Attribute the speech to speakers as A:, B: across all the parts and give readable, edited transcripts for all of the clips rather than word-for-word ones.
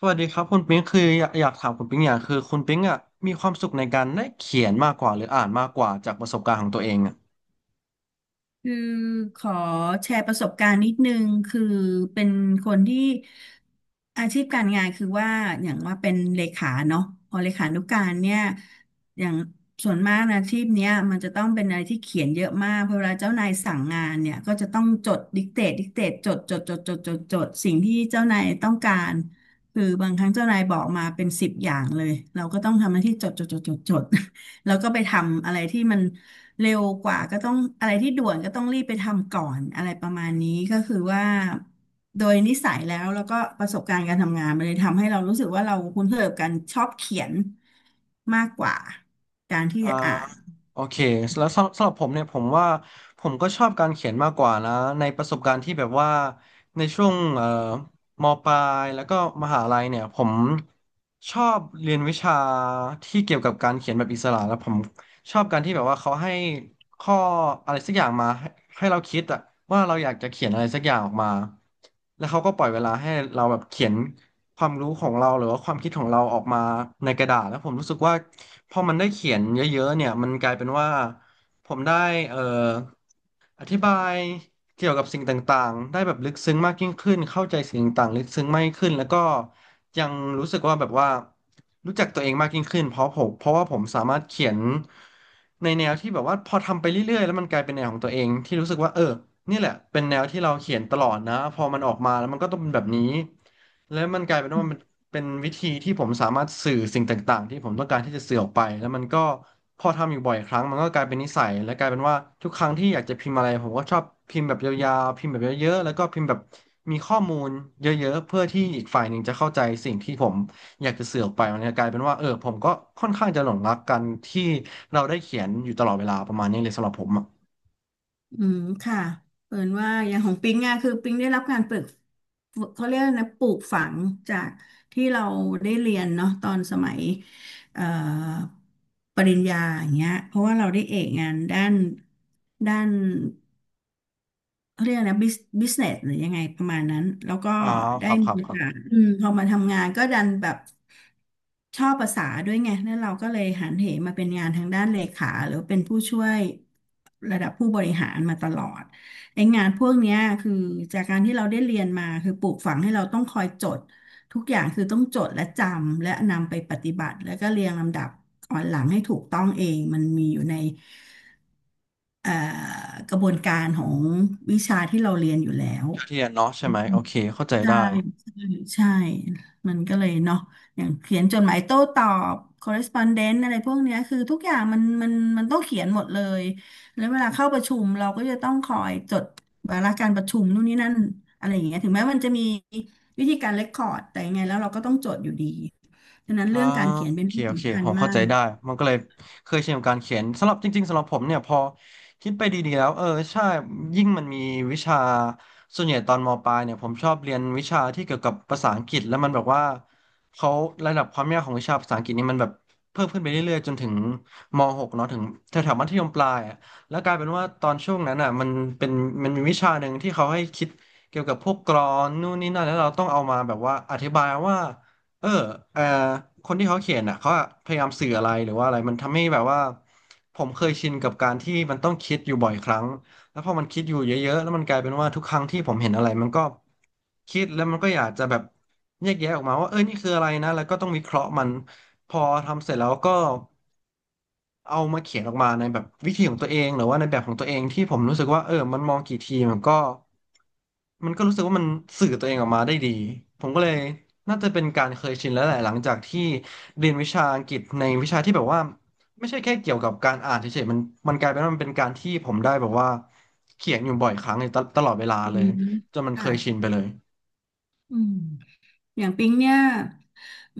A: สวัสดีครับคุณปิ๊งคืออยากถามคุณปิ๊งอย่างคือคุณปิ๊งอ่ะมีความสุขในการได้เขียนมากกว่าหรืออ่านมากกว่าจากประสบการณ์ของตัวเองอ่ะ
B: คือขอแชร์ประสบการณ์นิดนึงคือเป็นคนที่อาชีพการงานคือว่าอย่างว่าเป็นเลขาเนาะพอเลขานุการเนี่ยอย่างส่วนมากนะอาชีพเนี้ยมันจะต้องเป็นอะไรที่เขียนเยอะมากเพราะเวลาเจ้านายสั่งงานเนี่ยก็จะต้องจดดิกเตตดิกเตตจดจดจดจดจดจดสิ่งที่เจ้านายต้องการคือบางครั้งเจ้านายบอกมาเป็นสิบอย่างเลยเราก็ต้องทำหน้าที่จดจดจดจดจด แล้วก็ไปทำอะไรที่มันเร็วกว่าก็ต้องอะไรที่ด่วนก็ต้องรีบไปทำก่อนอะไรประมาณนี้ก็คือว่าโดยนิสัยแล้วก็ประสบการณ์การทำงานมันเลยทำให้เรารู้สึกว่าเราคุ้นเคยกับการชอบเขียนมากกว่าการที่
A: อ่า
B: จะอ่าน
A: โอเคแล้วสำหรับผมเนี่ยผมว่าผมก็ชอบการเขียนมากกว่านะในประสบการณ์ที่แบบว่าในช่วงมปลายแล้วก็มหาลัยเนี่ยผมชอบเรียนวิชาที่เกี่ยวกับการเขียนแบบอิสระแล้วผมชอบการที่แบบว่าเขาให้ข้ออะไรสักอย่างมาให้ให้เราคิดอะว่าเราอยากจะเขียนอะไรสักอย่างออกมาแล้วเขาก็ปล่อยเวลาให้เราแบบเขียน ความรู้ของเราหรือว่าความคิดของเราออกมาในกระดาษแล้วผมรู้สึกว่าพอมันได้เขียนเยอะๆเนี่ยมันกลายเป็นว่าผมได้เอ่อ อธิบายเกี่ยวกับสิ่งต่างๆ ได้แบบลึกซึ้งมากยิ่งขึ้น เข้าใจสิ่งต่างๆลึกซึ้งมากยิ่งขึ้นแล้วก็ยังรู้สึกว่าแบบว่ารู้จักตัวเองมากยิ่งขึ้นเพราะว่าผมสามารถเขียนในแนวที่แบบว่าพอทำไปเรื่อยๆแล้วมันกลายเป็นแนวของตัวเองที่รู้สึกว่าเออนี่แหละเป็นแนวที่เราเขียนตลอดนะพอมันออกมาแล้วมันก็ต้องเป็นแบบนี้แล้วมันกลายเป็นว่ามัน เป็นวิธีที่ผมสามารถสื่อสิ่งต่างๆที่ผมต้องการที่จะสื่อออกไปแล้วมันก็พอทำอยู่บ่อยครั้งมันก็กลายเป็นนิสัยและกลายเป็นว่าทุกครั้งที่อยากจะพิมพ์อะไรผมก็ชอบพิมพ์แบบยาวๆพิมพ์แบบเยอะๆแล้วก็พิมพ์แบบมีข้อมูลเยอะๆเพื่อที่อีกฝ่ายหนึ่งจะเข้าใจสิ่งที่ผมอยากจะสื่อออกไปมันก็กลายเป็นว่าเออผมก็ค่อนข้างจะหลงรักกันที่เราได้เขียนอยู่ตลอดเวลาประมาณนี้เลยสำหรับผมอะ
B: อืมค่ะเปิดว่าอย่างของปิงอะคือปิงได้รับการปลูกเขาเรียกนะปลูกฝังจากที่เราได้เรียนเนาะตอนสมัยเอ่อปริญญาอย่างเงี้ยเพราะว่าเราได้เอกงานด้าน เขาเรียกนะบิสบิสเนสหรือยังไงประมาณนั้นแล้วก็
A: อ๋อ
B: ได้
A: ครับค
B: มี
A: รับ
B: โอ
A: ครั
B: กาส
A: บ
B: อืมพอมาทำงานก็ดันแบบชอบภาษาด้วยไงแล้วเราก็เลยหันเหมาเป็นงานทางด้านเลขาหรือเป็นผู้ช่วยระดับผู้บริหารมาตลอดไอ้งานพวกเนี้ยคือจากการที่เราได้เรียนมาคือปลูกฝังให้เราต้องคอยจดทุกอย่างคือต้องจดและจำและนำไปปฏิบัติแล้วก็เรียงลำดับอ่อนหลังให้ถูกต้องเองมันมีอยู่ใน เอ่อกระบวนการของวิชาที่เราเรียนอยู่แล้ว
A: เท่าเทียนเนาะใช่ไหมโอเคเข้าใจ
B: ใช่
A: ได้
B: ใช่ใช่มันก็เลยเนาะอย่างเขียนจดหมายโต้ตอบ correspondence อะไรพวกเนี้ยคือทุกอย่างมันต้องเขียนหมดเลยแล้วเวลาเข้าประชุมเราก็จะต้องคอยจดวาระการประชุมนู่นนี่นั่นอะไรอย่างเงี้ยถึงแม้มันจะมีวิธีการเรคคอร์ดแต่ยังไงแล้วเราก็ต้องจดอยู่ดีฉะนั้น
A: อ่า
B: เรื่องการเขียน
A: โอ
B: เป็น
A: เค
B: เรื่อง
A: โอเค
B: สำคัญ
A: ผม
B: มา
A: เข้าใจ
B: ก
A: ได้มันก็เลยเคยชินกับการเขียนสำหรับจริงๆสำหรับผมเนี่ยพอคิดไปดีๆแล้วเออใช่ยิ่งมันมีวิชาส่วนใหญ่ตอนมปลายเนี่ยผมชอบเรียนวิชาที่เกี่ยวกับภาษาอังกฤษแล้วมันแบบว่าเขาระดับความยากของวิชาภาษาอังกฤษนี่มันแบบเพิ่มขึ้นไปเรื่อยๆจนถึงม .6 เนาะถึงแถวๆมัธยมปลายอะแล้วกลายเป็นว่าตอนช่วงนั้นอ่ะมันเป็นมันมีวิชาหนึ่งที่เขาให้คิดเกี่ยวกับพวกกลอนนู่นนี่นั่นแล้วเราต้องเอามาแบบว่าอธิบายว่า เออเออคนที่เขาเขียนอ่ะเขาอะพยายามสื่ออะไรหรือว่าอะไรมันทำให้แบบว่าผมเคยชินกับการที่มันต้องคิดอยู่บ่อยครั้ง แล้วพอมันคิดอยู่เยอะๆแล้วมันกลายเป็นว่าทุกครั้งที่ผมเห็นอะไรมันก็คิดแล้วมันก็อยากจะแบบแยกแยะออกมาว่าเออนี่คืออะไรนะแล้วก็ต้องวิเคราะห์มันพอทำเสร็จแล้วก็เอามาเขียนออกมาในแบบวิธีของตัวเองหรือว่าในแบบของตัวเองที่ผมรู้สึกว่าเออมันมองกี่ทีมันก็รู้สึกว่ามันสื่อตัวเองออกมาได้ดีผมก็เลยน่าจะเป็นการเคยชินแล้วแหละหลังจากที่เรียนวิชาอังกฤษในวิชาที่แบบว่า ไม่ใช่แค่เกี่ยวกับการอ่านเฉยๆมันกลายเป็นว่ามันเป็นการที่ผมได้แบบว่าเขียนอยู่บ่อยครั้งเลยตตลอดเวลา
B: อื
A: เล
B: ม
A: ยจนมันเค
B: ค่ะ
A: ยชินไปเลย
B: อืม อย่างปิ๊งเนี่ย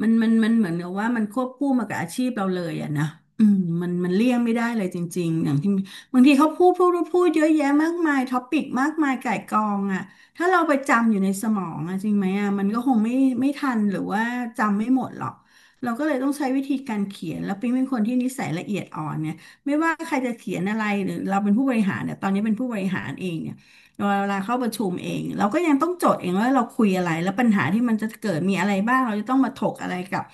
B: มันเหมือนกับว่ามันควบคู่มากับอาชีพเราเลยอะนะอืมมันเลี่ยงไม่ได้เลยจริงๆอย่างที่บางทีเขาพูดเยอะแยะมากมายท็อปิกมากมายก่ายกองอะถ้าเราไปจำอยู่ในสมองอะจริงไหมอะมันก็คงไม่ทันหรือว่าจำไม่หมดหรอกเราก็เลยต้องใช้วิธีการเขียนแล้วปิ๊งเป็นคนที่นิสัยละเอียดอ่อนเนี่ยไม่ว่าใครจะเขียนอะไรหรือเราเป็นผู้บริหารเนี่ยตอนนี้เป็นผู้บริหารเองเนี่ย เวลาเข้าประชุมเองเราก็ยังต้องจดเองว่าเราคุยอะไรแล้วปัญหาที่มันจะเกิดมีอะไรบ้างเราจะต้องมาถกอะไรกับ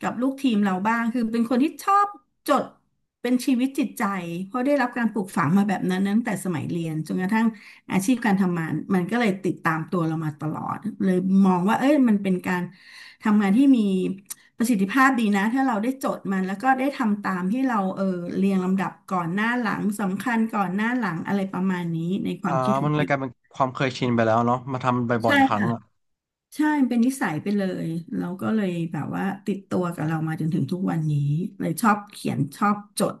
B: กับลูกทีมเราบ้างคือเป็นคนที่ชอบจดเป็นชีวิตจิตใจเพราะได้รับการปลูกฝังมาแบบนั้นตั้งแต่สมัยเรียนจนกระทั่งอาชีพการทำงานมันก็เลยติดตามตัวเรามาตลอดเลยมองว่าเอ้ยมันเป็นการทำงานที่มี ประสิทธิภาพดีนะถ้าเราได้จดมันแล้วก็ได้ทำตามที่เราเรียงลำดับก่อนหน้าหลังสำคัญก่อนหน้าหลังอะไรประมาณนี้ในค
A: อ่า
B: วามคิดข
A: มั
B: อง
A: นเลย
B: ปี
A: กลายเป็นความเคยชินไปแล้วเนาะมาทำบ่อ
B: ใช่
A: ยๆครั้ง
B: ค่ะ
A: อะ
B: ใช่มันเป็นนิสัยไปเลยเราก็เลยแบบว่าติดตัวกับเรามาจนถึงทุกวันนี้เลยชอบเขียนชอบจด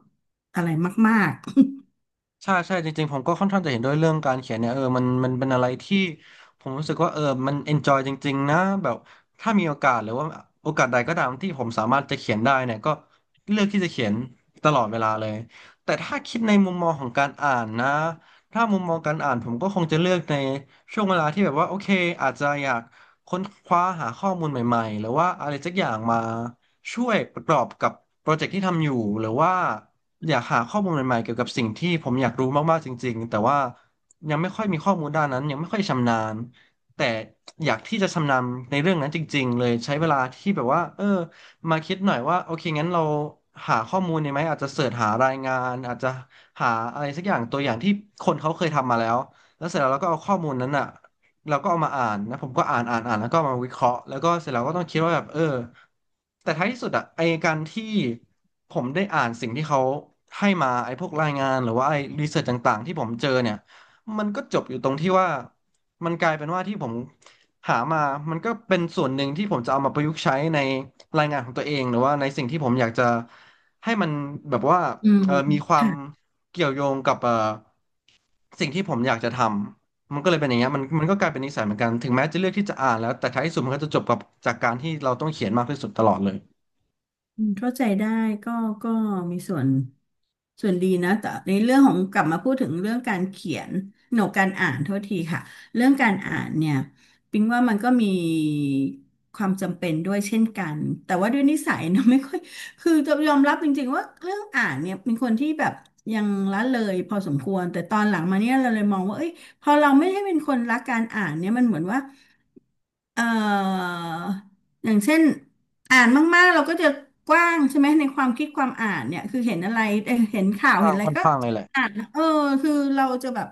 B: อะไรมาก
A: ใช่จริงๆผมก็ค่อนข้างจะเห็นด้วยเรื่องการเขียนเนี่ยเออมันมันเป็นอะไรที่ผมรู้สึกว่าเออมัน enjoy จริงๆนะแบบถ้ามีโอกาสหรือว่าโอกาสใดก็ตามที่ผมสามารถจะเขียนได้เนี่ยก็เลือกที่จะเขียนตลอดเวลาเลยแต่ถ้าคิดในมุมมองของการอ่านนะถ้ามุมมองการอ่านผมก็คงจะเลือกในช่วงเวลาที่แบบว่าโอเคอาจจะอยากค้นคว้าหาข้อมูลใหม่ๆหรือว่าอะไรสักอย่างมาช่วยประกอบกับโปรเจกต์ที่ทำอยู่หรือว่า อยากหาข้อมูลใหม่ๆเกี่ยวกับสิ่งที่ผมอยากรู้มากๆจริงๆแต่ว่ายังไม่ค่อยมีข้อมูลด้านนั้นยังไม่ค่อยชำนาญแต่อยากที่จะชำนาญในเรื่องนั้นจริงๆเลยใช้เวลาที่แบบว่ามาคิดหน่อยว่าโอเคงั้นเราหาข้อมูลดีไหมอาจจะเสิร์ชหารายงานอาจจะหาอะไรสักอย่างตัวอย่างที่คนเขาเคยทำมาแล้วแล้วเสร็จแล้วเราก็เอาข้อมูลนั้นอ่ะ เราก็เอามาอ่านนะผมก็อ่านอ่านอ่านแล้วก็เอามาวิเคราะห์แล้วก็เสร็จแล้วก็ต้องคิดว่าแบบแต่ท้ายที่สุดอะไอการที่ผมได้อ่านสิ่งที่เขาให้มาไอพวกรายงานหรือว่าไอรีเสิร์ชต่างๆที่ผมเจอเนี่ยมันก็จบอยู่ตรงที่ว่ามันกลายเป็นว่าที่ผมหามามันก็เป็นส่วนหนึ่งที่ผมจะเอามาประยุกต์ใช้ในรายงานของตัวเองหรือว่าในสิ่งที่ผมอยากจะให้มันแบบว่า
B: ๆอืม
A: มีความ
B: ค่ะ
A: เกี่ยวโยงกับสิ่งที่ผมอยากจะทำ มันก็เลยเป็นอย่างเงี้ยมันก็กลายเป็นนิสัยเหมือนกันถึงแม้จะเลือกที่จะอ่านแล้วแต่ท้ายที่สุดมันก็จะจบกับจากการที่เราต้องเขียนมากที่สุดตลอดเลย
B: อืมเข้าใจได้ก็ก็มีส่วนดีนะแต่ในเรื่องของกลับมาพูดถึงเรื่องการเขียนหนกการอ่านโทษทีค่ะเรื่องการอ่านเนี่ยปิงว่ามันก็มีความจำเป็นด้วยเช่นกันแต่ว่าด้วยนิสัยเนอะไม่ค่อยคือจะยอมรับจริงๆว่าเรื่องอ่านเนี่ยเป็นคนที่แบบยังละเลยพอสมควรแต่ตอนหลังมาเนี่ยเราเลยมองว่าเอ้ยพอเราไม่ได้เป็นคนรักการอ่านเนี่ยมันเหมือนว่าเอ่ออย่างเช่น อ่านมากๆเราก็จะกว้างใช่ไหมในความคิดความอ่านเนี่ยคือเห็นอะไรเห็นข่าว
A: ค่อน
B: เห็
A: ข้าง
B: นอะไร
A: ค่อน
B: ก็
A: ข้างเลยแหละ
B: เออคือเราจะแบบ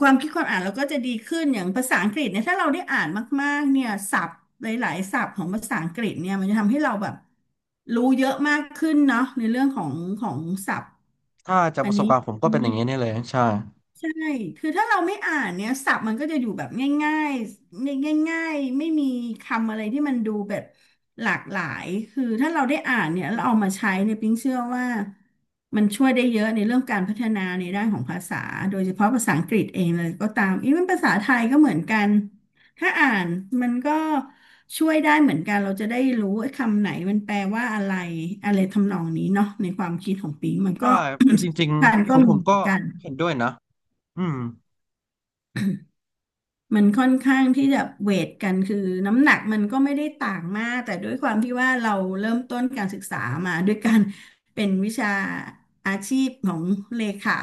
B: ความคิดความอ่านเราก็จะดีขึ้นอย่างภาษาอังกฤษเนี่ยถ้าเราได้อ่านมากๆเนี่ยศัพท์หลายๆศัพท์ของภาษาอังกฤษเนี่ยมันจะทำให้เราแบบรู้เยอะมากขึ้นเนาะในเรื่องของของศัพท์
A: ถ้าจาก
B: อั
A: ป
B: น
A: ระสบ
B: นี้
A: การณ์ผมก็เป็นอย่างนี้นี่เลยใช่
B: ใช่คือถ้าเราไม่อ่านเนี่ยศัพท์มันก็จะอยู่แบบง่ายๆง่ายๆ ไม่มีคำอะไรที่มันดูแบบหลากหลายคือถ้าเราได้อ่านเนี่ยแล้วเอามาใช้เนี่ยปิ๊งเชื่อว่ามันช่วยได้เยอะในเรื่องการพัฒนาในด้านของภาษาโดยเฉพาะภาษาอังกฤษเองเลยก็ตามอีเวนภาษาไทยก็เหมือนกัน ถ้าอ่านมันก็ช่วยได้เหมือนกันเราจะได้รู้ไอ้คำไหนมันแปลว่าอะไรอะไรทำนองนี้เนาะในความคิดของปิ๊งมัน
A: ใช่
B: ก็
A: จริง
B: การ
A: ๆข
B: ก็
A: องผ
B: มี
A: ม
B: เหมื
A: ก็
B: อนกัน
A: เห็นด้วยนะอืม
B: มันค่อนข้างที่จะเวทกันคือน้ำหนักมันก็ไม่ได้ต่างมากแต่ด้วยความที่ว่าเราเริ่มต้นการศึกษามาด้วยการเป็นวิชาอาชีพของเลขา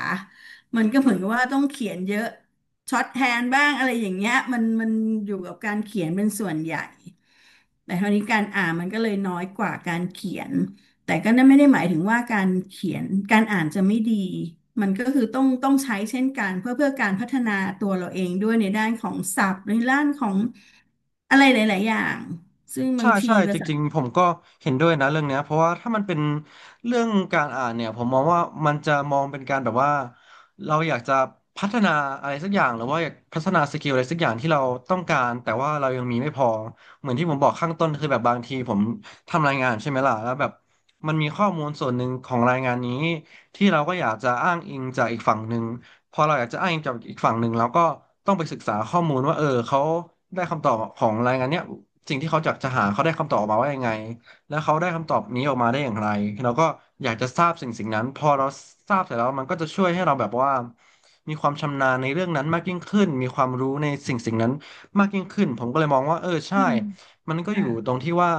B: มันก็เหมือนกับว่าต้องเขียนเยอะช็อตแฮนด์บ้างอะไรอย่างเงี้ยมันอยู่กับการเขียนเป็นส่วนใหญ่แต่คราวนี้การอ่านมันก็เลยน้อยกว่าการเขียน แต่ก็นั่นไม่ได้หมายถึงว่าการเขียนการอ่านจะไม่ดี มันก็คือต้องใช้เช่นกันเพื่อการพัฒนาตัวเราเองด้วยในด้านของศัพท์ในด้านของอะไรหลายๆ อย่างซึ่งบา
A: ใช่
B: งที
A: ใช่จ
B: ภาษา
A: ริงๆผมก็เห็นด้วยนะเรื่องเนี้ยเพราะว่าถ้ามันเป็นเรื่องการอ่านเนี่ยผมมองว่ามันจะมองเป็นการแบบว่าเราอยากจะพัฒนาอะไรสักอย่างหรือว่าอยากพัฒนาสกิลอะไรสักอย่างที่เราต้องการแต่ว่าเรายังมีไม่พอเหมือนที่ผมบอกข้างต้นคือแบบบางทีผมทำรายงานใช่ไหมล่ะแล้วแบบมันมีข้อมูลส่วนหนึ่งของรายงานนี้ ที่เราก็อยากจะอ้างอิงจากอีกฝั่งหนึ่งพอเราอยากจะอ้างอิงจากอีกฝั่งหนึ่งเราก็ต้องไปศึกษาข้อมูลว่าเขาได้คำตอบของรายงานเนี้ยสิ่งที่เขาอยากจะหาเขาได้คำตอบออกมาว่ายังไงแล้วเขาได้คำตอบนี้ออกมาได้อย่างไรเราก็อยากจะทราบสิ่งสิ่งนั้นพอเราทราบเสร็จแล้วมันก็จะช่วยให้เราแบบว่ามีความชำนาญในเรื่องนั้นมากยิ่งขึ้นมีความรู้ในสิ่งสิ่งนั้นมากยิ่งขึ้นผมก็เลยมองว่าใช่
B: อืม
A: มันก็อ
B: ค่ะ
A: ยู่ตรงที่ว่า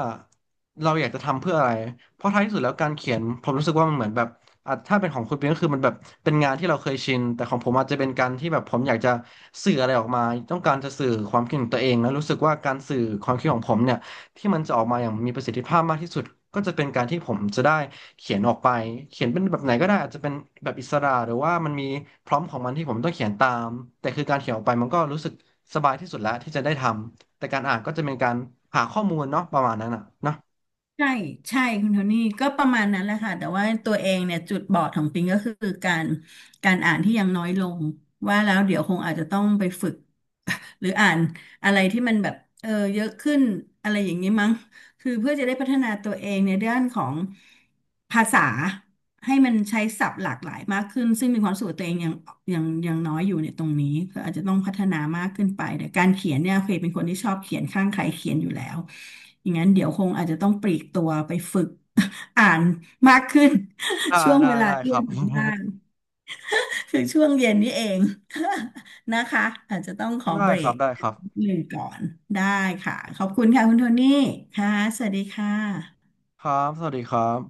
A: เราอยากจะทำเพื่ออะไรเพราะท้ายที่สุดแล้วการเขียนผมรู้สึกว่ามันเหมือนแบบ อ่ะถ้าเป็นของคุณปิงก็คือมันแบบเป็นงานที่เราเคยชินแต่ของผมอาจจะเป็นการที่แบบผมอยากจะสื่ออะไรออกมาต้องการจะสื่อความคิดของตัวเองแล้วรู้สึกว่าการสื่อความคิดของผมเนี่ยที่มันจะออกมาอย่างมีประสิทธิภาพมากที่สุดก็จะเป็นการที่ผมจะได้เขียนออกไปเขียนเป็นแบบไหนก็ได้อาจจะเป็นแบบอิสระหรือว่ามันมีพร้อมของมันที่ผมต้องเขียนตามแต่คือการเขียนออกไปมันก็รู้สึกสบายที่สุดแล้วที่จะได้ทำแต่การอ่านก็จะเป็นการหาข้อมูลเนาะประมาณนั้นอ่ะเนอะ
B: ใช่ใช่คุณโทนี่ก็ประมาณนั้นแหละค่ะแต่ว่าตัวเองเนี่ยจุดบอดของปิงก็คือการการอ่านที่ยังน้อยลงว่าแล้วเดี๋ยวคงอาจจะต้องไปฝึก หรืออ่านอะไรที่มันแบบเยอะขึ้นอะไรอย่างนี้มั้งคือเพื่อจะได้พัฒนาตัวเองในด้านของภาษา ให้มันใช้ศัพท์หลากหลายมากขึ้นซึ่งมีความรู้สึกว่าตัวเองยังยังน้อยอยู่ในตรงนี้ก็อาจจะต้องพัฒนามากขึ้นไปแต่การเขียนเนี่ยเคยเป็นคนที่ชอบเขียนข้างใครเขียนอยู่แล้วอย่างนั้นเดี๋ยวคงอาจจะต้องปลีกตัวไปฝึก อ่านมากขึ้น ช่วงเวลา
A: ได้
B: เรี
A: ค
B: ย
A: รั
B: น
A: บ
B: บ้างคือช่วงเย็นนี่เอง นะคะอาจจะต้องขอ เบรก
A: ได้ครับ
B: หนึ่งก่อนได้ค่ะขอบคุณค่ะคุณโทนี่ค่ะสวัสดีค่ะ
A: ครับ สวัสดีครับ